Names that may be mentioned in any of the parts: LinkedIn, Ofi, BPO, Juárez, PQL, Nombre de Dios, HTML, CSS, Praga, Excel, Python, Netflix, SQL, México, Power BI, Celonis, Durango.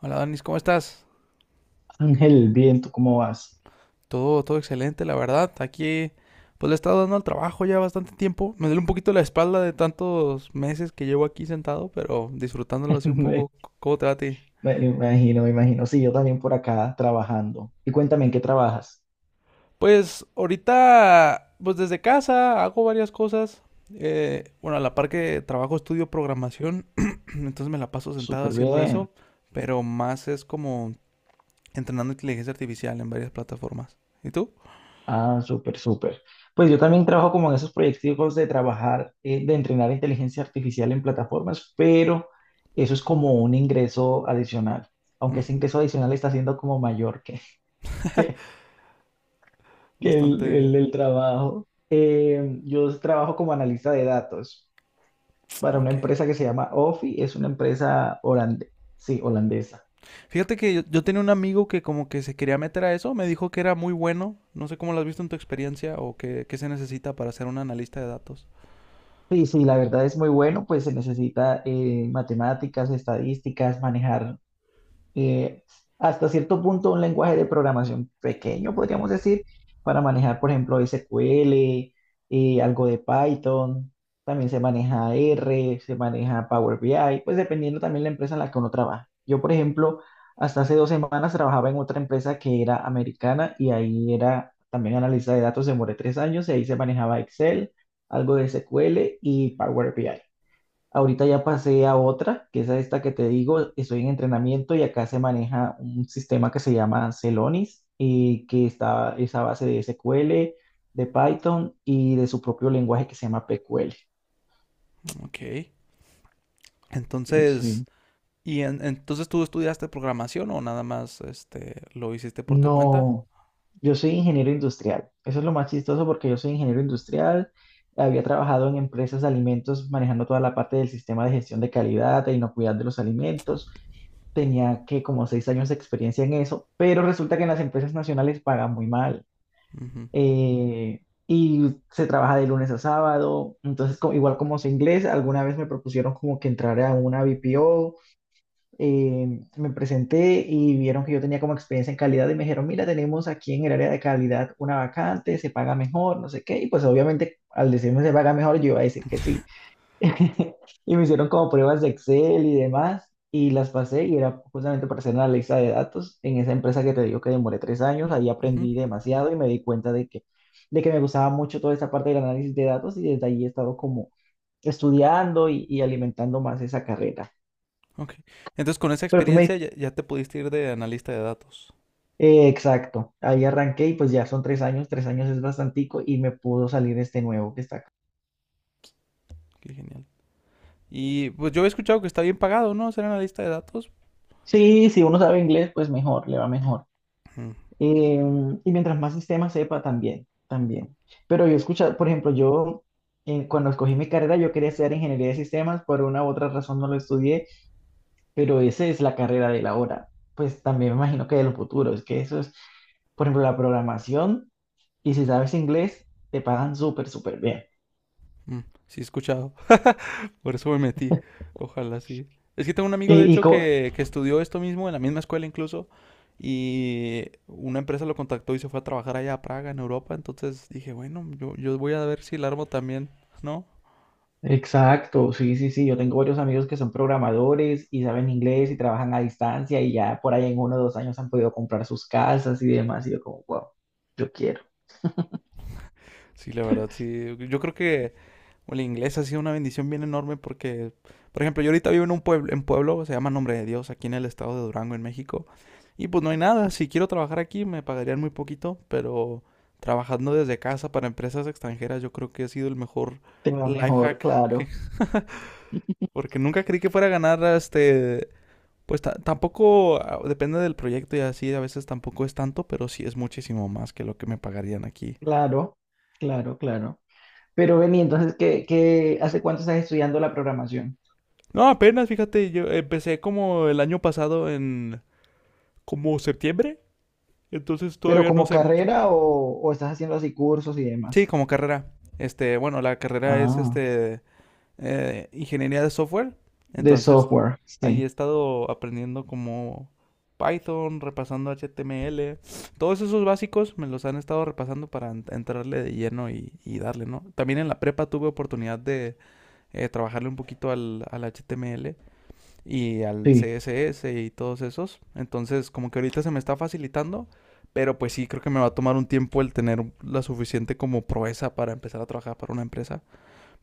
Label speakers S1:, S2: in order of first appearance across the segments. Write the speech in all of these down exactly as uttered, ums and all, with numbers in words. S1: Hola Danis, ¿cómo estás?
S2: Ángel, bien, ¿tú cómo vas?
S1: Todo, todo excelente, la verdad. Aquí, pues le he estado dando al trabajo ya bastante tiempo. Me duele un poquito la espalda de tantos meses que llevo aquí sentado, pero disfrutándolo así un
S2: Me,
S1: poco. C- ¿Cómo te va a ti?
S2: me imagino, me imagino. Sí, yo también por acá trabajando. Y cuéntame, ¿en qué trabajas?
S1: Pues ahorita, pues desde casa hago varias cosas. Eh, bueno, a la par que trabajo, estudio programación, entonces me la paso sentado
S2: Súper
S1: haciendo
S2: bien.
S1: eso, pero más es como entrenando inteligencia artificial en varias plataformas. ¿Y tú?
S2: Ah, súper, súper. Pues yo también trabajo como en esos proyectos de trabajar, eh, de entrenar inteligencia artificial en plataformas, pero eso es como un ingreso adicional. Aunque
S1: Mm,
S2: ese ingreso adicional está siendo como mayor que, que, que el, el-
S1: bastante...
S2: el trabajo. Eh, yo trabajo como analista de datos para una
S1: Ok.
S2: empresa que se llama Ofi, es una empresa holande- sí, holandesa.
S1: Fíjate que yo, yo tenía un amigo que como que se quería meter a eso, me dijo que era muy bueno, no sé cómo lo has visto en tu experiencia o qué, qué se necesita para ser un analista de datos.
S2: Sí, sí, la verdad es muy bueno, pues se necesita eh, matemáticas, estadísticas, manejar eh, hasta cierto punto un lenguaje de programación pequeño, podríamos decir, para manejar, por ejemplo, S Q L, eh, algo de Python, también se maneja R, se maneja Power B I, pues dependiendo también la empresa en la que uno trabaja. Yo, por ejemplo, hasta hace dos semanas trabajaba en otra empresa que era americana y ahí era también analista de datos, demoré tres años y ahí se manejaba Excel, algo de S Q L y Power B I. Ahorita ya pasé a otra, que es a esta que te digo, estoy en entrenamiento y acá se maneja un sistema que se llama Celonis y que está es a base de S Q L, de Python y de su propio lenguaje que se llama P Q L.
S1: Ok.
S2: Sí,
S1: Entonces,
S2: sí.
S1: ¿y en- entonces tú estudiaste programación o nada más este, ¿lo hiciste por tu cuenta?
S2: No, yo soy ingeniero industrial. Eso es lo más chistoso porque yo soy ingeniero industrial. Había trabajado en empresas de alimentos manejando toda la parte del sistema de gestión de calidad e inocuidad de los alimentos. Tenía que como seis años de experiencia en eso, pero resulta que en las empresas nacionales pagan muy mal.
S1: Ujú,
S2: eh, y se trabaja de lunes a sábado, entonces co- igual como sé inglés, alguna vez me propusieron como que entrara a una B P O, eh, me presenté y vieron que yo tenía como experiencia en calidad y me dijeron, mira, tenemos aquí en el área de calidad una vacante, se paga mejor, no sé qué, y pues obviamente al decirme se paga mejor, yo iba a decir que sí. Y me hicieron como pruebas de Excel y demás, y las pasé y era justamente para hacer una lista de datos en esa empresa que te digo que demoré tres años, ahí
S1: ujú.
S2: aprendí demasiado y me di cuenta de que, de que me gustaba mucho toda esa parte del análisis de datos y desde ahí he estado como estudiando y, y alimentando más esa carrera.
S1: Ok. Entonces con esa
S2: Pero tú me
S1: experiencia
S2: dices,
S1: ya, ya te pudiste ir de analista de datos.
S2: eh, exacto, ahí arranqué y pues ya son tres años, tres años es bastantico y me pudo salir este nuevo que está acá.
S1: Qué genial. Y pues yo he escuchado que está bien pagado, ¿no? Ser analista de datos.
S2: Sí, si uno sabe inglés, pues mejor, le va mejor.
S1: Mm,
S2: Eh, y mientras más sistemas sepa, también, también. Pero yo escucha, por ejemplo, yo eh, cuando escogí mi carrera, yo quería estudiar ingeniería de sistemas, por una u otra razón no lo estudié, pero esa es la carrera de la hora. Pues también me imagino que de los futuros, es que eso es, por ejemplo, la programación, y si sabes inglés, te pagan súper, súper bien.
S1: mm, sí, he escuchado. Por eso me metí. Ojalá sí. Es que tengo un amigo, de
S2: ¿Y, y
S1: hecho,
S2: co-
S1: que, que estudió esto mismo en la misma escuela incluso. Y una empresa lo contactó y se fue a trabajar allá a Praga, en Europa. Entonces dije, bueno, yo, yo voy a ver si el armo también, ¿no?
S2: Exacto, sí, sí, sí. Yo tengo varios amigos que son programadores y saben inglés y trabajan a distancia y ya por ahí en uno o dos años han podido comprar sus casas y demás. Y yo como, wow, yo quiero.
S1: Sí, la verdad, sí. Yo creo que o el inglés ha sido una bendición bien enorme porque, por ejemplo, yo ahorita vivo en un pueblo, en pueblo, se llama Nombre de Dios, aquí en el estado de Durango, en México. Y pues no hay nada, si quiero trabajar aquí me pagarían muy poquito, pero trabajando desde casa para empresas extranjeras yo creo que ha sido el mejor
S2: Tengo
S1: life
S2: mejor,
S1: hack, que-
S2: claro,
S1: porque nunca creí que fuera a ganar, este, pues ta- tampoco, ah, depende del proyecto y así, a veces tampoco es tanto, pero sí es muchísimo más que lo que me pagarían aquí.
S2: claro, claro, claro. Pero Beni, entonces, ¿qué, qué, ¿hace cuánto estás estudiando la programación?
S1: No, apenas, fíjate, yo empecé como el año pasado en, como septiembre, entonces
S2: ¿Pero
S1: todavía no
S2: como
S1: sé mucho.
S2: carrera o, o estás haciendo así cursos y
S1: Sí,
S2: demás?
S1: como carrera. Este, bueno, la carrera es
S2: Ah,
S1: este eh, ingeniería de software.
S2: de
S1: Entonces,
S2: software,
S1: ahí
S2: sí,
S1: he estado aprendiendo como Python, repasando H T M L. Todos esos básicos me los han estado repasando para en- entrarle de lleno y, y darle, ¿no? También en la prepa tuve oportunidad de eh, trabajarle un poquito al, al H T M L y al
S2: sí.
S1: C S S y todos esos. Entonces, como que ahorita se me está facilitando, pero pues sí, creo que me va a tomar un tiempo el tener la suficiente como proeza para empezar a trabajar para una empresa.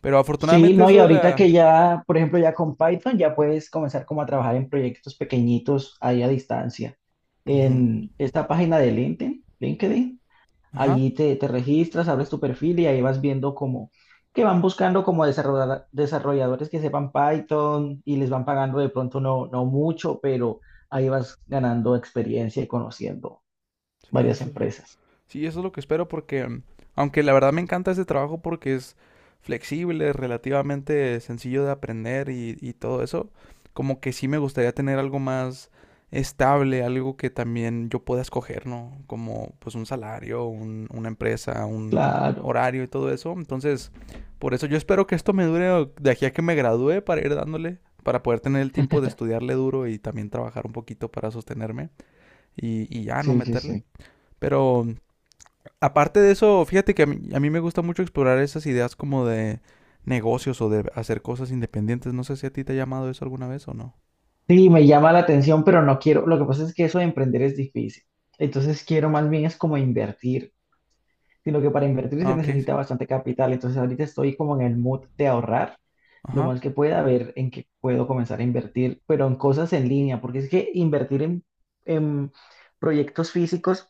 S1: Pero
S2: Sí,
S1: afortunadamente
S2: no,
S1: eso
S2: y
S1: de
S2: ahorita que
S1: la...
S2: ya, por ejemplo, ya con Python ya puedes comenzar como a trabajar en proyectos pequeñitos ahí a distancia.
S1: Ujú.
S2: En esta página de LinkedIn, LinkedIn,
S1: Ajá,
S2: allí te, te registras, abres tu perfil y ahí vas viendo como que van buscando como desarrollar- desarrolladores que sepan Python y les van pagando de pronto no, no mucho, pero ahí vas ganando experiencia y conociendo
S1: sí,
S2: varias
S1: eso.
S2: empresas.
S1: Sí, eso es lo que espero porque, mm, aunque la verdad me encanta ese trabajo porque es flexible, relativamente sencillo de aprender y, y todo eso, como que sí me gustaría tener algo más estable, algo que también yo pueda escoger, ¿no? Como pues un salario, un- una empresa, un
S2: Claro,
S1: horario y todo eso. Entonces, por eso yo espero que esto me dure de aquí a que me gradúe para ir dándole, para poder tener el tiempo de estudiarle duro y también trabajar un poquito para sostenerme y, y ya no
S2: sí, sí,
S1: meterle.
S2: sí.
S1: Pero aparte de eso, fíjate que a mí, a mí me gusta mucho explorar esas ideas como de negocios o de hacer cosas independientes. No sé si a ti te ha llamado eso alguna vez o no.
S2: Sí, me llama la atención, pero no quiero. Lo que pasa es que eso de emprender es difícil. Entonces quiero más bien es como invertir, sino que para invertir
S1: Ah,
S2: se
S1: ok, sí.
S2: necesita bastante capital. Entonces ahorita estoy como en el mood de ahorrar lo
S1: Ajá,
S2: más que pueda, a ver en qué puedo comenzar a invertir, pero en cosas en línea, porque es que invertir en, en proyectos físicos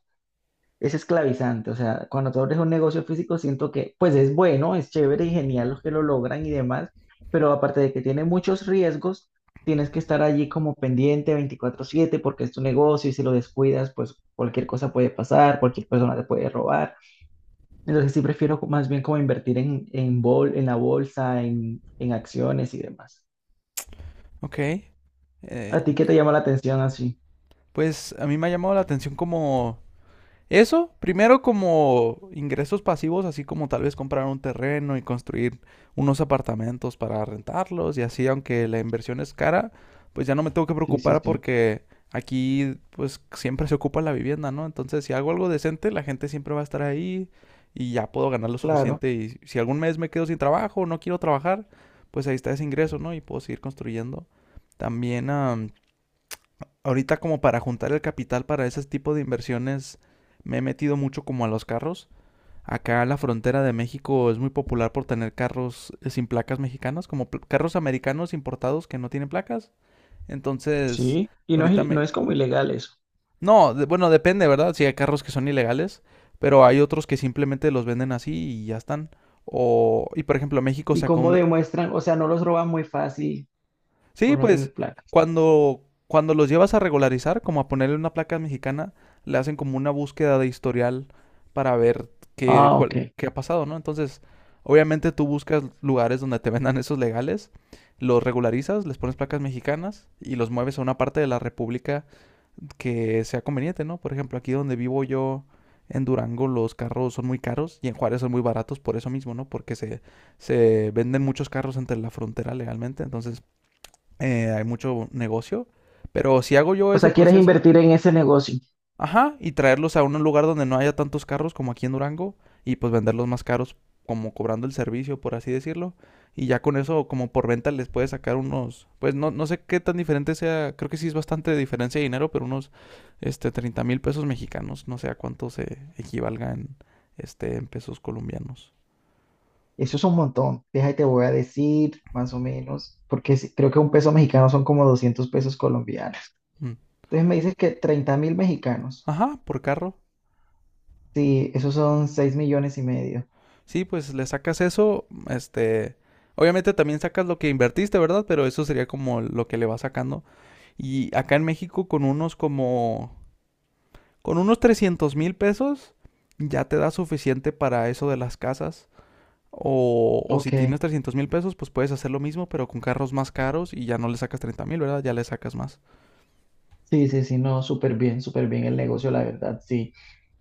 S2: es esclavizante. O sea, cuando tú abres un negocio físico, siento que, pues es bueno, es chévere y genial los que lo logran y demás, pero aparte de que tiene muchos riesgos, tienes que estar allí como pendiente veinticuatro siete porque es tu negocio y si lo descuidas, pues cualquier cosa puede pasar, cualquier persona te puede robar. Entonces sí prefiero co- más bien como invertir en, en, bol, en la bolsa, en, en acciones y demás.
S1: ok. Eh,
S2: ¿A ti qué te llama la atención así?
S1: pues a mí me ha llamado la atención como eso, primero como ingresos pasivos, así como tal vez comprar un terreno y construir unos apartamentos para rentarlos y así, aunque la inversión es cara, pues ya no me tengo que
S2: Sí, sí,
S1: preocupar
S2: sí.
S1: porque aquí pues siempre se ocupa la vivienda, ¿no? Entonces, si hago algo decente, la gente siempre va a estar ahí y ya puedo ganar lo
S2: Claro,
S1: suficiente y si algún mes me quedo sin trabajo o no quiero trabajar, pues ahí está ese ingreso, ¿no? Y puedo seguir construyendo. También, am, ahorita como para juntar el capital para ese tipo de inversiones me he metido mucho como a los carros. Acá la frontera de México es muy popular por tener carros eh, sin placas mexicanas, como pl- carros americanos importados que no tienen placas. Entonces,
S2: sí. Y no es,
S1: ahorita
S2: il- no
S1: me...
S2: es como ilegal eso.
S1: No, de- bueno, depende, ¿verdad? Si hay carros que son ilegales, pero hay otros que simplemente los venden así y ya están. O, y por ejemplo, México
S2: ¿Y
S1: sacó
S2: cómo
S1: un,
S2: demuestran? O sea, no los roban muy fácil por
S1: sí,
S2: no
S1: pues
S2: tener placas.
S1: cuando, cuando los llevas a regularizar, como a ponerle una placa mexicana, le hacen como una búsqueda de historial para ver qué,
S2: Ah,
S1: cuál-
S2: ok.
S1: qué ha pasado, ¿no? Entonces, obviamente tú buscas lugares donde te vendan esos legales, los regularizas, les pones placas mexicanas y los mueves a una parte de la república que sea conveniente, ¿no? Por ejemplo, aquí donde vivo yo, en Durango los carros son muy caros y en Juárez son muy baratos por eso mismo, ¿no? Porque se, se venden muchos carros entre la frontera legalmente, entonces eh, hay mucho negocio, pero si hago yo
S2: O
S1: ese
S2: sea, quieres
S1: proceso,
S2: invertir en ese negocio.
S1: ajá, y traerlos a un lugar donde no haya tantos carros como aquí en Durango, y pues venderlos más caros, como cobrando el servicio, por así decirlo, y ya con eso, como por venta, les puede sacar unos, pues no, no sé qué tan diferente sea, creo que sí es bastante diferencia de dinero, pero unos, este, treinta mil pesos mexicanos, no sé a cuánto se equivalga en, este, en pesos colombianos.
S2: Eso es un montón. Déjate, te voy a decir más o menos, porque si- creo que un peso mexicano son como doscientos pesos colombianos.
S1: Mm.
S2: Entonces me dices que treinta mil mexicanos.
S1: Ajá, por carro.
S2: Sí, esos son seis millones y medio.
S1: Sí, pues le sacas eso, este, obviamente también sacas lo que invertiste, ¿verdad? Pero eso sería como lo que le vas sacando. Y acá en México con unos como, con unos trescientos mil pesos ya te da suficiente para eso de las casas. O, o si
S2: Ok.
S1: tienes trescientos mil pesos, pues puedes hacer lo mismo, pero con carros más caros y ya no le sacas treinta mil, ¿verdad? Ya le sacas más.
S2: Sí, sí, sí, no, súper bien, súper bien el negocio, la verdad, sí.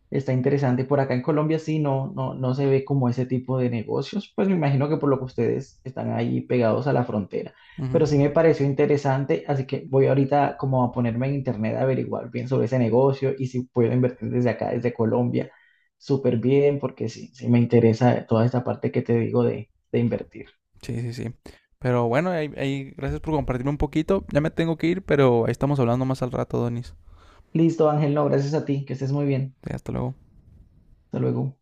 S2: Está interesante. Por acá en Colombia sí no, no, no se ve como ese tipo de negocios. Pues me imagino que por lo que ustedes están ahí pegados a la frontera. Pero
S1: Ujú.
S2: sí me pareció interesante, así que voy ahorita como a ponerme en internet a averiguar bien sobre ese negocio y si puedo invertir desde acá, desde Colombia, súper bien, porque sí, sí me interesa toda esta parte que te digo de, de invertir.
S1: Sí, sí, sí. Pero bueno, ahí, ahí, gracias por compartirme un poquito. Ya me tengo que ir, pero ahí estamos hablando más al rato, Donis.
S2: Listo, Ángel, no, gracias a ti, que estés muy bien.
S1: Sí, hasta luego.
S2: Hasta luego.